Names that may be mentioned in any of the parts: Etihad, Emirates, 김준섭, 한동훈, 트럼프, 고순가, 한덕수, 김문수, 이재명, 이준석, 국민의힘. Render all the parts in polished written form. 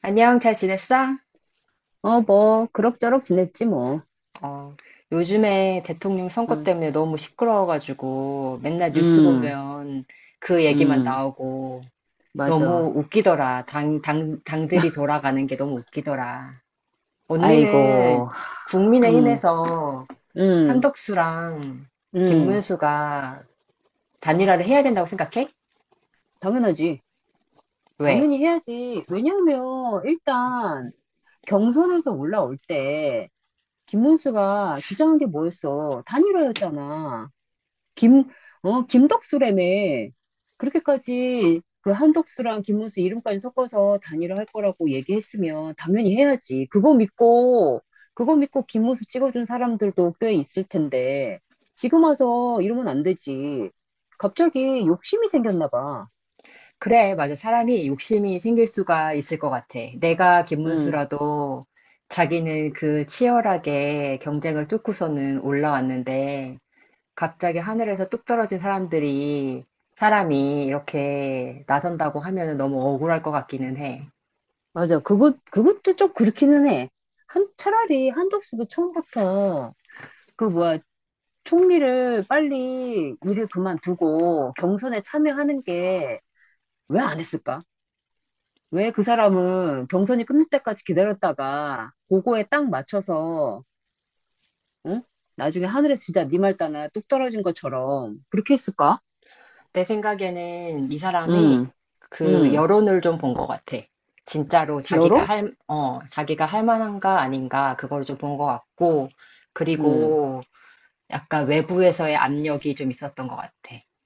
안녕, 잘 지냈어? 어, 뭐, 그럭저럭 지냈지, 뭐. 어, 요즘에 대통령 선거 응, 때문에 너무 시끄러워가지고 맨날 뉴스 응, 보면 그 얘기만 응, 나오고 너무 맞아. 웃기더라. 당들이 돌아가는 게 너무 웃기더라. 언니는 아이고, 응, 국민의힘에서 응, 한덕수랑 응, 김문수가 단일화를 해야 된다고 생각해? 당연하지. 왜? 당연히 해야지. 왜냐면, 일단, 경선에서 올라올 때, 김문수가 주장한 게 뭐였어? 단일화였잖아. 김, 김덕수라며. 그렇게까지 그 한덕수랑 김문수 이름까지 섞어서 단일화 할 거라고 얘기했으면 당연히 해야지. 그거 믿고 김문수 찍어준 사람들도 꽤 있을 텐데, 지금 와서 이러면 안 되지. 갑자기 욕심이 생겼나 봐. 그래, 맞아. 사람이 욕심이 생길 수가 있을 것 같아. 내가 응, 김문수라도 자기는 그 치열하게 경쟁을 뚫고서는 올라왔는데, 갑자기 하늘에서 뚝 떨어진 사람들이, 사람이 이렇게 나선다고 하면 너무 억울할 것 같기는 해. 맞아. 그것도 좀 그렇기는 해. 차라리 한덕수도 처음부터 그 뭐야, 총리를 빨리 일을 그만두고 경선에 참여하는 게 왜 안 했을까? 왜 그 사람은 경선이 끝날 때까지 기다렸다가 그거에 딱 맞춰서 응? 나중에 하늘에서 진짜 네 말 따나 뚝 떨어진 것처럼 그렇게 했을까? 내 생각에는 이 사람이 음, 그 음, 여론을 좀 본 것 같아. 진짜로 여론? 자기가 할 만한가 아닌가, 그걸 좀 본 것 같고, 음, 그리고 약간 외부에서의 압력이 좀 있었던 것 같아.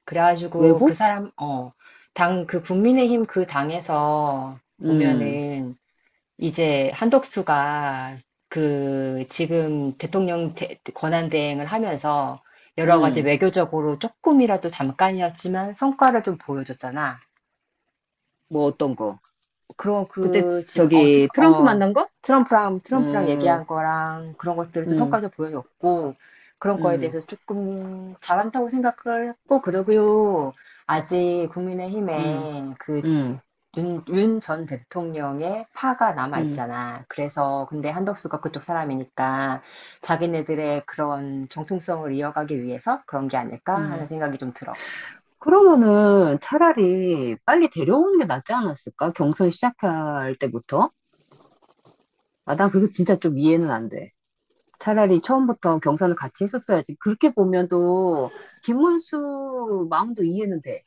그래가지고 그 외부? 사람, 어, 당, 그 국민의힘 그 당에서 음, 보면은 이제 한덕수가 그 지금 권한대행을 하면서 여러 가지 음, 외교적으로 조금이라도 잠깐이었지만 성과를 좀 보여줬잖아. 뭐 어떤 거? 그럼 그때 그 지금 어, 트럼, 저기 트럼프 어 만난 거? 트럼프랑 음, 얘기한 거랑 그런 것들을 좀 음, 성과를 좀 보여줬고 그런 거에 음, 대해서 조금 잘한다고 생각을 했고 그러고요 아직 음, 국민의힘에 음, 그윤윤 전 대통령의 파가 남아 음, 있잖아. 그래서 근데 한덕수가 그쪽 사람이니까 자기네들의 그런 정통성을 이어가기 위해서 그런 게 아닐까 음. 하는 생각이 좀 들어. 그러면은 차라리 빨리 데려오는 게 낫지 않았을까? 경선 시작할 때부터? 아, 난 그게 진짜 좀 이해는 안 돼. 차라리 처음부터 경선을 같이 했었어야지. 그렇게 보면 또 김문수 마음도 이해는 돼.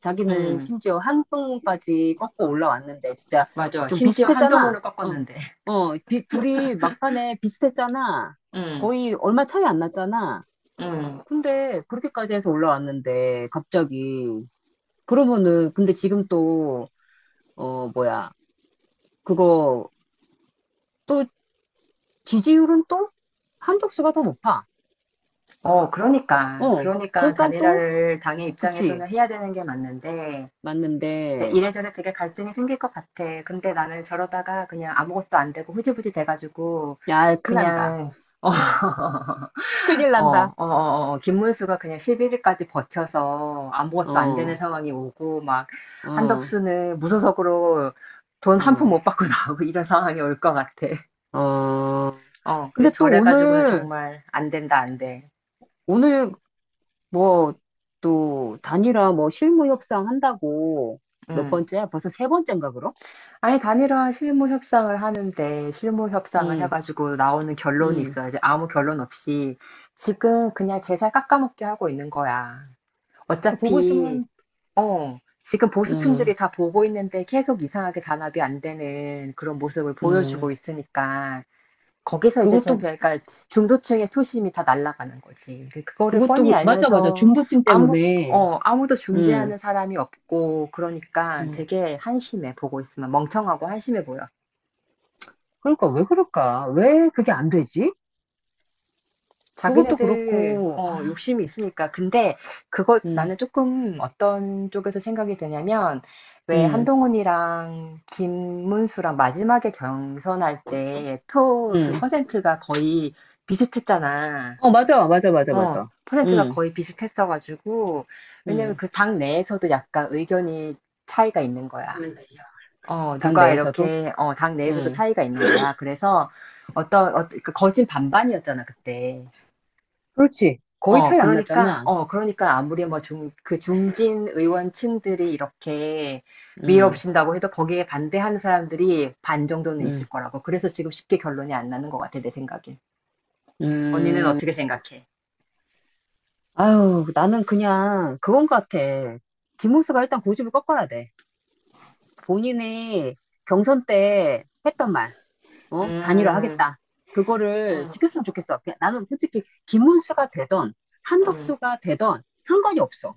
자기는 음, 심지어 한동까지 꺾고 올라왔는데 진짜 맞아. 좀 심지어 비슷했잖아. 한동훈을 어, 꺾었는데. 둘이 막판에 비슷했잖아. 음, 거의 얼마 차이 안 났잖아. 음. 근데 그렇게까지 해서 올라왔는데 갑자기 그러면은 근데 지금 또 뭐야, 그거 또 지지율은 또 한덕수가 더 높아. 어, 그러니까. 어, 그러니까 그러니까 또, 단일화를 당의 그치, 입장에서는 해야 되는 게 맞는데, 근데 맞는데, 이래저래 되게 갈등이 생길 것 같아. 근데 나는 저러다가 그냥 아무것도 안 되고 흐지부지 돼가지고, 야, 큰일 난다. 그냥, 어, 큰일 어, 난다. 김문수가 그냥 11일까지 버텨서 아무것도 안 되는 어, 상황이 오고, 막, 어, 한덕수는 무소속으로 돈 한 푼 어, 못 받고 나오고 이런 상황이 올 것 같아. 어. 어, 근데 그래서 또 저래가지고는 오늘, 정말 안 된다, 안 돼. 오늘 뭐, 또, 단일화 뭐 실무 협상 한다고 몇 음. 번째야? 벌써 세 번째인가, 그럼? 아니, 단일화 실무 협상을 하는데, 실무 협상을 응, 해가지고 나오는 결론이 응. 있어야지. 아무 결론 없이. 지금 그냥 제살 깎아먹게 하고 있는 거야. 그 보고 어차피, 있으면, 어, 지금 응, 보수층들이 다 보고 있는데 계속 이상하게 단합이 안 되는 그런 모습을 응. 보여주고 있으니까. 거기서 이제 그것도, 챔피언 그러니까 중도층의 표심이 다 날아가는 거지. 근데 그거를 뻔히 맞아, 맞아. 알면서 중도층 아무 때문에, 아무도 응, 중재하는 사람이 없고 그러니까 응. 되게 한심해 보고 있으면 멍청하고 한심해 보여. 그러니까 왜 그럴까? 왜 그게 안 되지? 그것도 자기네들 그렇고, 어 아, 욕심이 있으니까 근데 그거 음. 나는 조금 어떤 쪽에서 생각이 드냐면 왜 음, 한동훈이랑 김문수랑 마지막에 경선할 때 표 음. 그 퍼센트가 거의 비슷했잖아. 어, 맞아, 맞아, 맞아, 어, 맞아. 퍼센트가 음, 거의 비슷했어가지고, 왜냐면 음. 그 당 내에서도 약간 의견이 차이가 있는 거야. 조금만 려 당 내에서도? 당 내에서도 음. 차이가 있는 거야. 그래서 그 거진 반반이었잖아, 그때. 그렇지. 거의 차이 안 났잖아. 그러니까 아무리 그 중진 의원층들이 이렇게 음, 밀어붙인다고 해도 거기에 반대하는 사람들이 반 정도는 있을 음, 거라고. 그래서 지금 쉽게 결론이 안 나는 것 같아, 내 생각엔. 언니는 음. 어떻게 생각해? 아유, 나는 그냥 그건 같아. 김문수가 일단 고집을 꺾어야 돼. 본인이 경선 때 했던 말, 어? 단일화 음, 하겠다. 그거를 음, 지켰으면 좋겠어. 그냥 나는 솔직히 김문수가 되던 음. 한덕수가 되던 상관이 없어.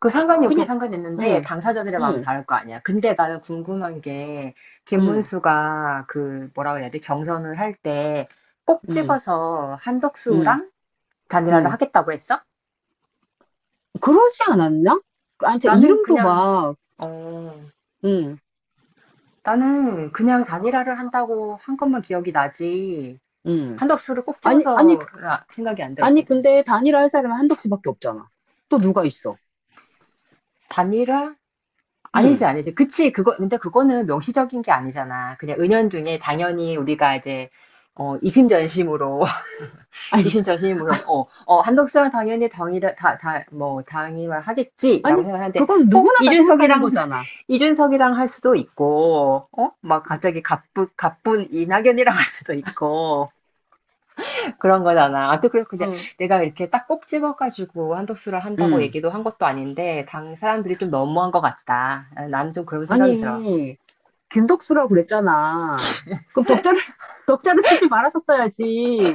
그 상관이 없긴 그냥, 상관있는데 응, 당사자들의 마음이 응, 다를 거 아니야. 근데 나는 궁금한 게 응, 김문수가 그 뭐라 그래야 돼? 경선을 할 때 꼭 응, 찍어서 응. 한덕수랑 단일화를 응. 하겠다고 했어? 그러지 않았나? 아니, 저 나는 이름도 그냥 막, 어 응, 나는 그냥 단일화를 한다고 한 것만 기억이 나지 응. 한덕수를 꼭 아니, 찍어서 아니, 생각이 안 아니, 들었거든. 근데 단일화 할 사람은 한덕수밖에 없잖아. 또 누가 있어? 단일화? 아니지, 응. 아니지. 그치, 그거, 근데 그거는 명시적인 게 아니잖아. 그냥 은연중에 당연히 우리가 이제, 어, 이심전심으로 아니, 이신 저신이 뭐요? 한덕수랑 당연히 당이라 다다뭐 당이만 하겠지라고 아니, 생각하는데 그건 꼭 누구나 다 생각하는 이준석이랑 거잖아. 이준석이랑 할 수도 있고 어막 갑자기 가쁜 이낙연이랑 할 수도 있고 그런 거잖아. 아무튼 그래서 그냥 어. 내가 이렇게 딱 꼭 집어가지고 한덕수랑 한다고 응. 얘기도 한 것도 아닌데 당 사람들이 좀 너무한 것 같다. 나는 좀 그런 생각이 들어. 아니, 김덕수라고 그랬잖아. 그럼 덕자를, 덕자를 쓰지 말았었어야지.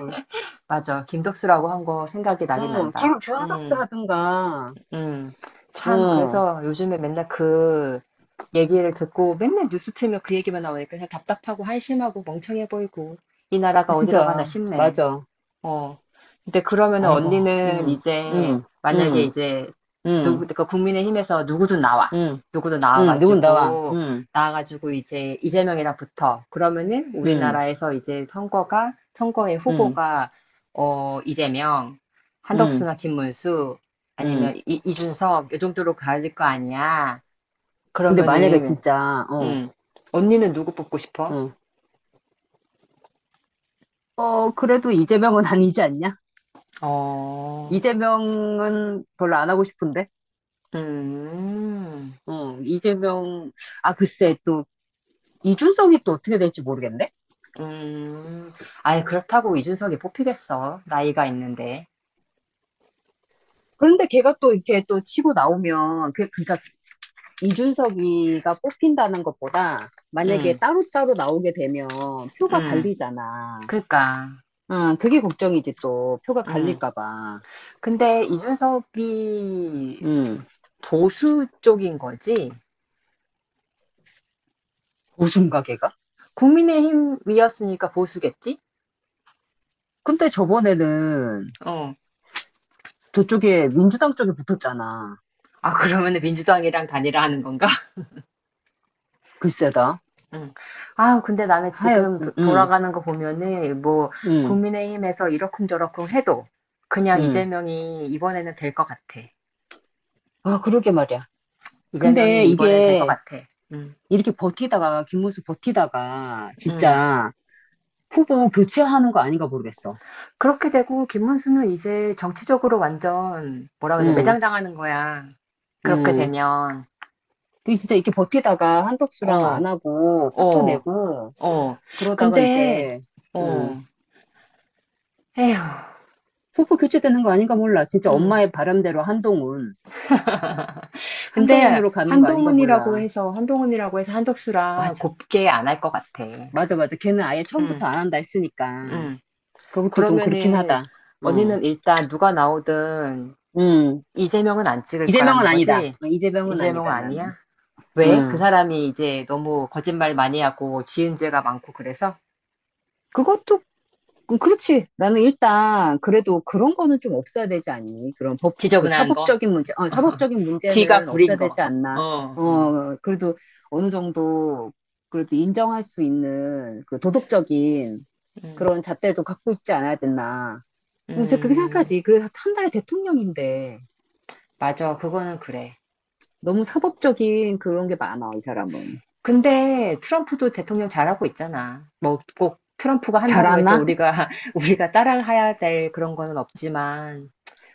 맞아. 김덕수라고 한 거 생각이 나긴 어, 난다. 김준섭사 음. 하든가. 음, 참, 어, 그래서 요즘에 맨날 그 얘기를 듣고 맨날 뉴스 틀면 그 얘기만 나오니까 그냥 답답하고 한심하고 멍청해 보이고 이 어, 나라가 어디로 가나 진짜, 싶네. 맞아. 어. 근데 그러면은 아이고, 언니는 응, 이제 응, 만약에 응, 이제 누구 응, 그러니까 국민의힘에서 누구든 나와. 응. 누구든 응, 누군 나와. 나와가지고 응, 나와가지고 이제 이재명이랑 붙어. 그러면은 응, 우리나라에서 이제 선거가 선거의 응, 후보가 어 이재명, 응, 한덕수나 김문수 응. 아니면 이준석 요 정도로 가질 거 아니야. 근데 만약에 그러면은 진짜, 음 언니는 누구 뽑고 싶어? 어, 그래도 이재명은 아니지 않냐? 어. 이재명은 별로 안 하고 싶은데? 음. 어, 이재명, 아, 글쎄, 또, 이준석이 또 어떻게 될지 모르겠네? 음, 아예 그렇다고 이준석이 뽑히겠어. 나이가 있는데. 그런데 걔가 또 이렇게 또 치고 나오면, 그러니까 이준석이가 뽑힌다는 것보다 만약에 음, 따로따로 나오게 되면 표가 음, 갈리잖아. 그니까. 아, 그게 걱정이지 또. 표가 음. 갈릴까 봐. 근데 이준석이 응. 보수 쪽인 거지? 고순가 걔가? 국민의힘이었으니까 보수겠지? 근데 저번에는 어. 저쪽에 민주당 쪽에 붙었잖아. 아, 그러면은 민주당이랑 단일화 하는 건가? 글쎄다. 응. 아, 근데 나는 지금 하여튼, 응, 돌아가는 거 보면은 뭐 응, 국민의힘에서 이러쿵저러쿵 해도 그냥 응. 이재명이 이번에는 될 것 같아. 아, 그러게 말이야. 근데 이재명이 이번엔 될 것 이게 같아. 응, 이렇게 버티다가, 김문수 버티다가 응. 진짜 후보 교체하는 거 아닌가 모르겠어. 그렇게 되고 김문수는 이제 정치적으로 완전 뭐라 그래 응, 매장당하는 거야. 그렇게 응. 되면 그 진짜 이렇게 버티다가 한덕수랑 어, 안 하고 파토 어, 내고 어. 그러다가 근데 이제, 응. 어, 에휴, 후보 교체되는 거 아닌가 몰라. 진짜 음. 엄마의 바람대로 한동훈, 근데 한동훈으로 가는 거 아닌가 한동훈이라고 몰라. 해서 한동훈이라고 해서 한덕수랑 맞아. 곱게 안 할 것 같아. 맞아, 맞아. 걔는 아예 처음부터 음, 안 한다 했으니까. 음. 그것도 좀 그렇긴 그러면은 하다. 어, 언니는 일단 누가 나오든 음. 이재명은 안 찍을 이재명은 거라는 아니다. 거지? 어, 이재명은 이재명은 아니다, 나는. 아니야? 왜? 그 음. 사람이 이제 너무 거짓말 많이 하고 지은 죄가 많고 그래서 그것도, 그렇지. 나는 일단, 그래도 그런 거는 좀 없어야 되지 않니? 그 지저분한 거, 사법적인 문제, 사법적인 뒤가 문제는 구린 없어야 되지 거. 어, 않나? 어, 어, 그래도 어느 정도, 그래도 인정할 수 있는 그 도덕적인 음, 그런 잣대도 갖고 있지 않아야 되나? 그래서 그렇게 음, 생각하지. 그래서 한 달에 대통령인데. 맞아. 그거는 그래. 너무 사법적인 그런 게 많아, 이 사람은. 근데 트럼프도 대통령 잘하고 있잖아. 뭐 꼭 트럼프가 한다고 해서 잘하나? 우리가 우리가 따라해야 될 그런 거는 없지만,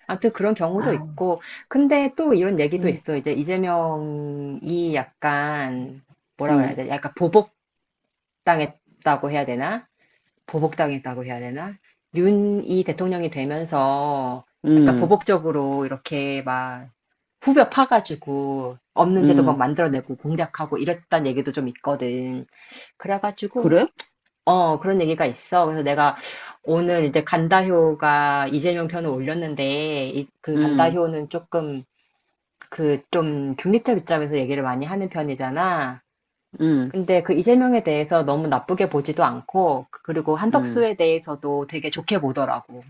아무튼 그런 경우도 아, 있고. 근데 또 이런 얘기도 음, 있어. 이제 이재명이 약간 뭐라고 해야 음, 돼? 약간 보복당했다고 해야 되나? 보복당했다고 해야 되나? 윤이 대통령이 되면서 약간 음, 보복적으로 이렇게 막 후벼 파가지고 없는 제도 막 음. 만들어내고 공작하고 이랬단 얘기도 좀 있거든. 그래가지고 그래? 그런 얘기가 있어. 그래서 내가 오늘 이제 간다효가 이재명 편을 올렸는데 그 음, 간다효는 조금 그 좀 중립적 입장에서 얘기를 많이 하는 편이잖아. 음, 근데 그 이재명에 대해서 너무 나쁘게 보지도 않고, 그리고 음, 한덕수에 대해서도 되게 좋게 보더라고.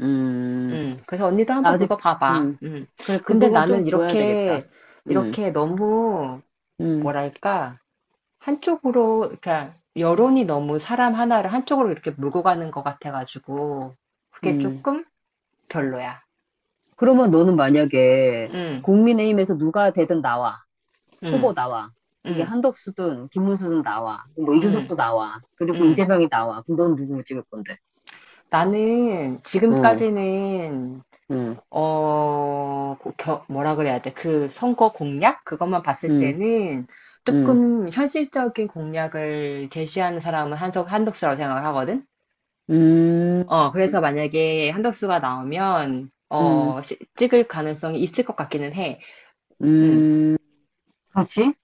음. 그래서 언니도 나 한번 아직, 그거 봐봐. 음. 음. 그래, 그 근데 부분 좀 나는 보여야 되겠다. 이렇게, 음, 이렇게 너무, 음, 뭐랄까, 한쪽으로, 그러니까, 여론이 너무 사람 하나를 한쪽으로 이렇게 몰고 가는 것 같아가지고, 그게 음. 조금 별로야. 그러면 너는 만약에 음, 국민의힘에서 누가 되든 나와. 후보 음, 나와. 그게 음, 한덕수든 김문수든 나와. 뭐 음, 이준석도 나와. 그리고 음. 이재명이 나와. 그럼 넌 누구 찍을 건데? 나는 응, 지금까지는 응, 뭐라 그래야 돼? 그 선거 공약? 그것만 봤을 응, 때는 응, 조금 현실적인 공약을 제시하는 사람은 한덕수라고 생각을 하거든? 음. 어, 그래서 만약에 한덕수가 나오면, 음, 찍을 가능성이 있을 것 같기는 해. 음. 음, 그렇지?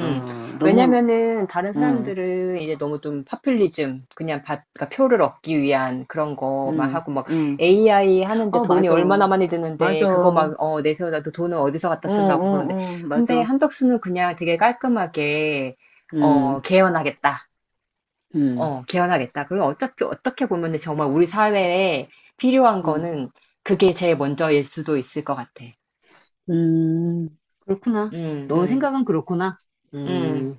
어, 너무, 왜냐면은 다른 음, 사람들은 이제 너무 좀 파퓰리즘, 그러니까 표를 얻기 위한 그런 거만 음, 하고 막 음. AI 하는데 어, 돈이 맞아. 얼마나 많이 드는데 맞아. 그거 어, 막 어, 내세워놔도 돈은 어디서 갖다 어, 쓰려고 그러는데 어, 근데 맞아. 한덕수는 그냥 되게 깔끔하게 어, 음, 개헌하겠다. 음, 어, 개헌하겠다. 그리고 어차피 어떻게 보면은 정말 우리 사회에 필요한 음, 거는 그게 제일 먼저일 수도 있을 것 같아. 그렇구나. 음, 너 음, 생각은 그렇구나. 음. 음.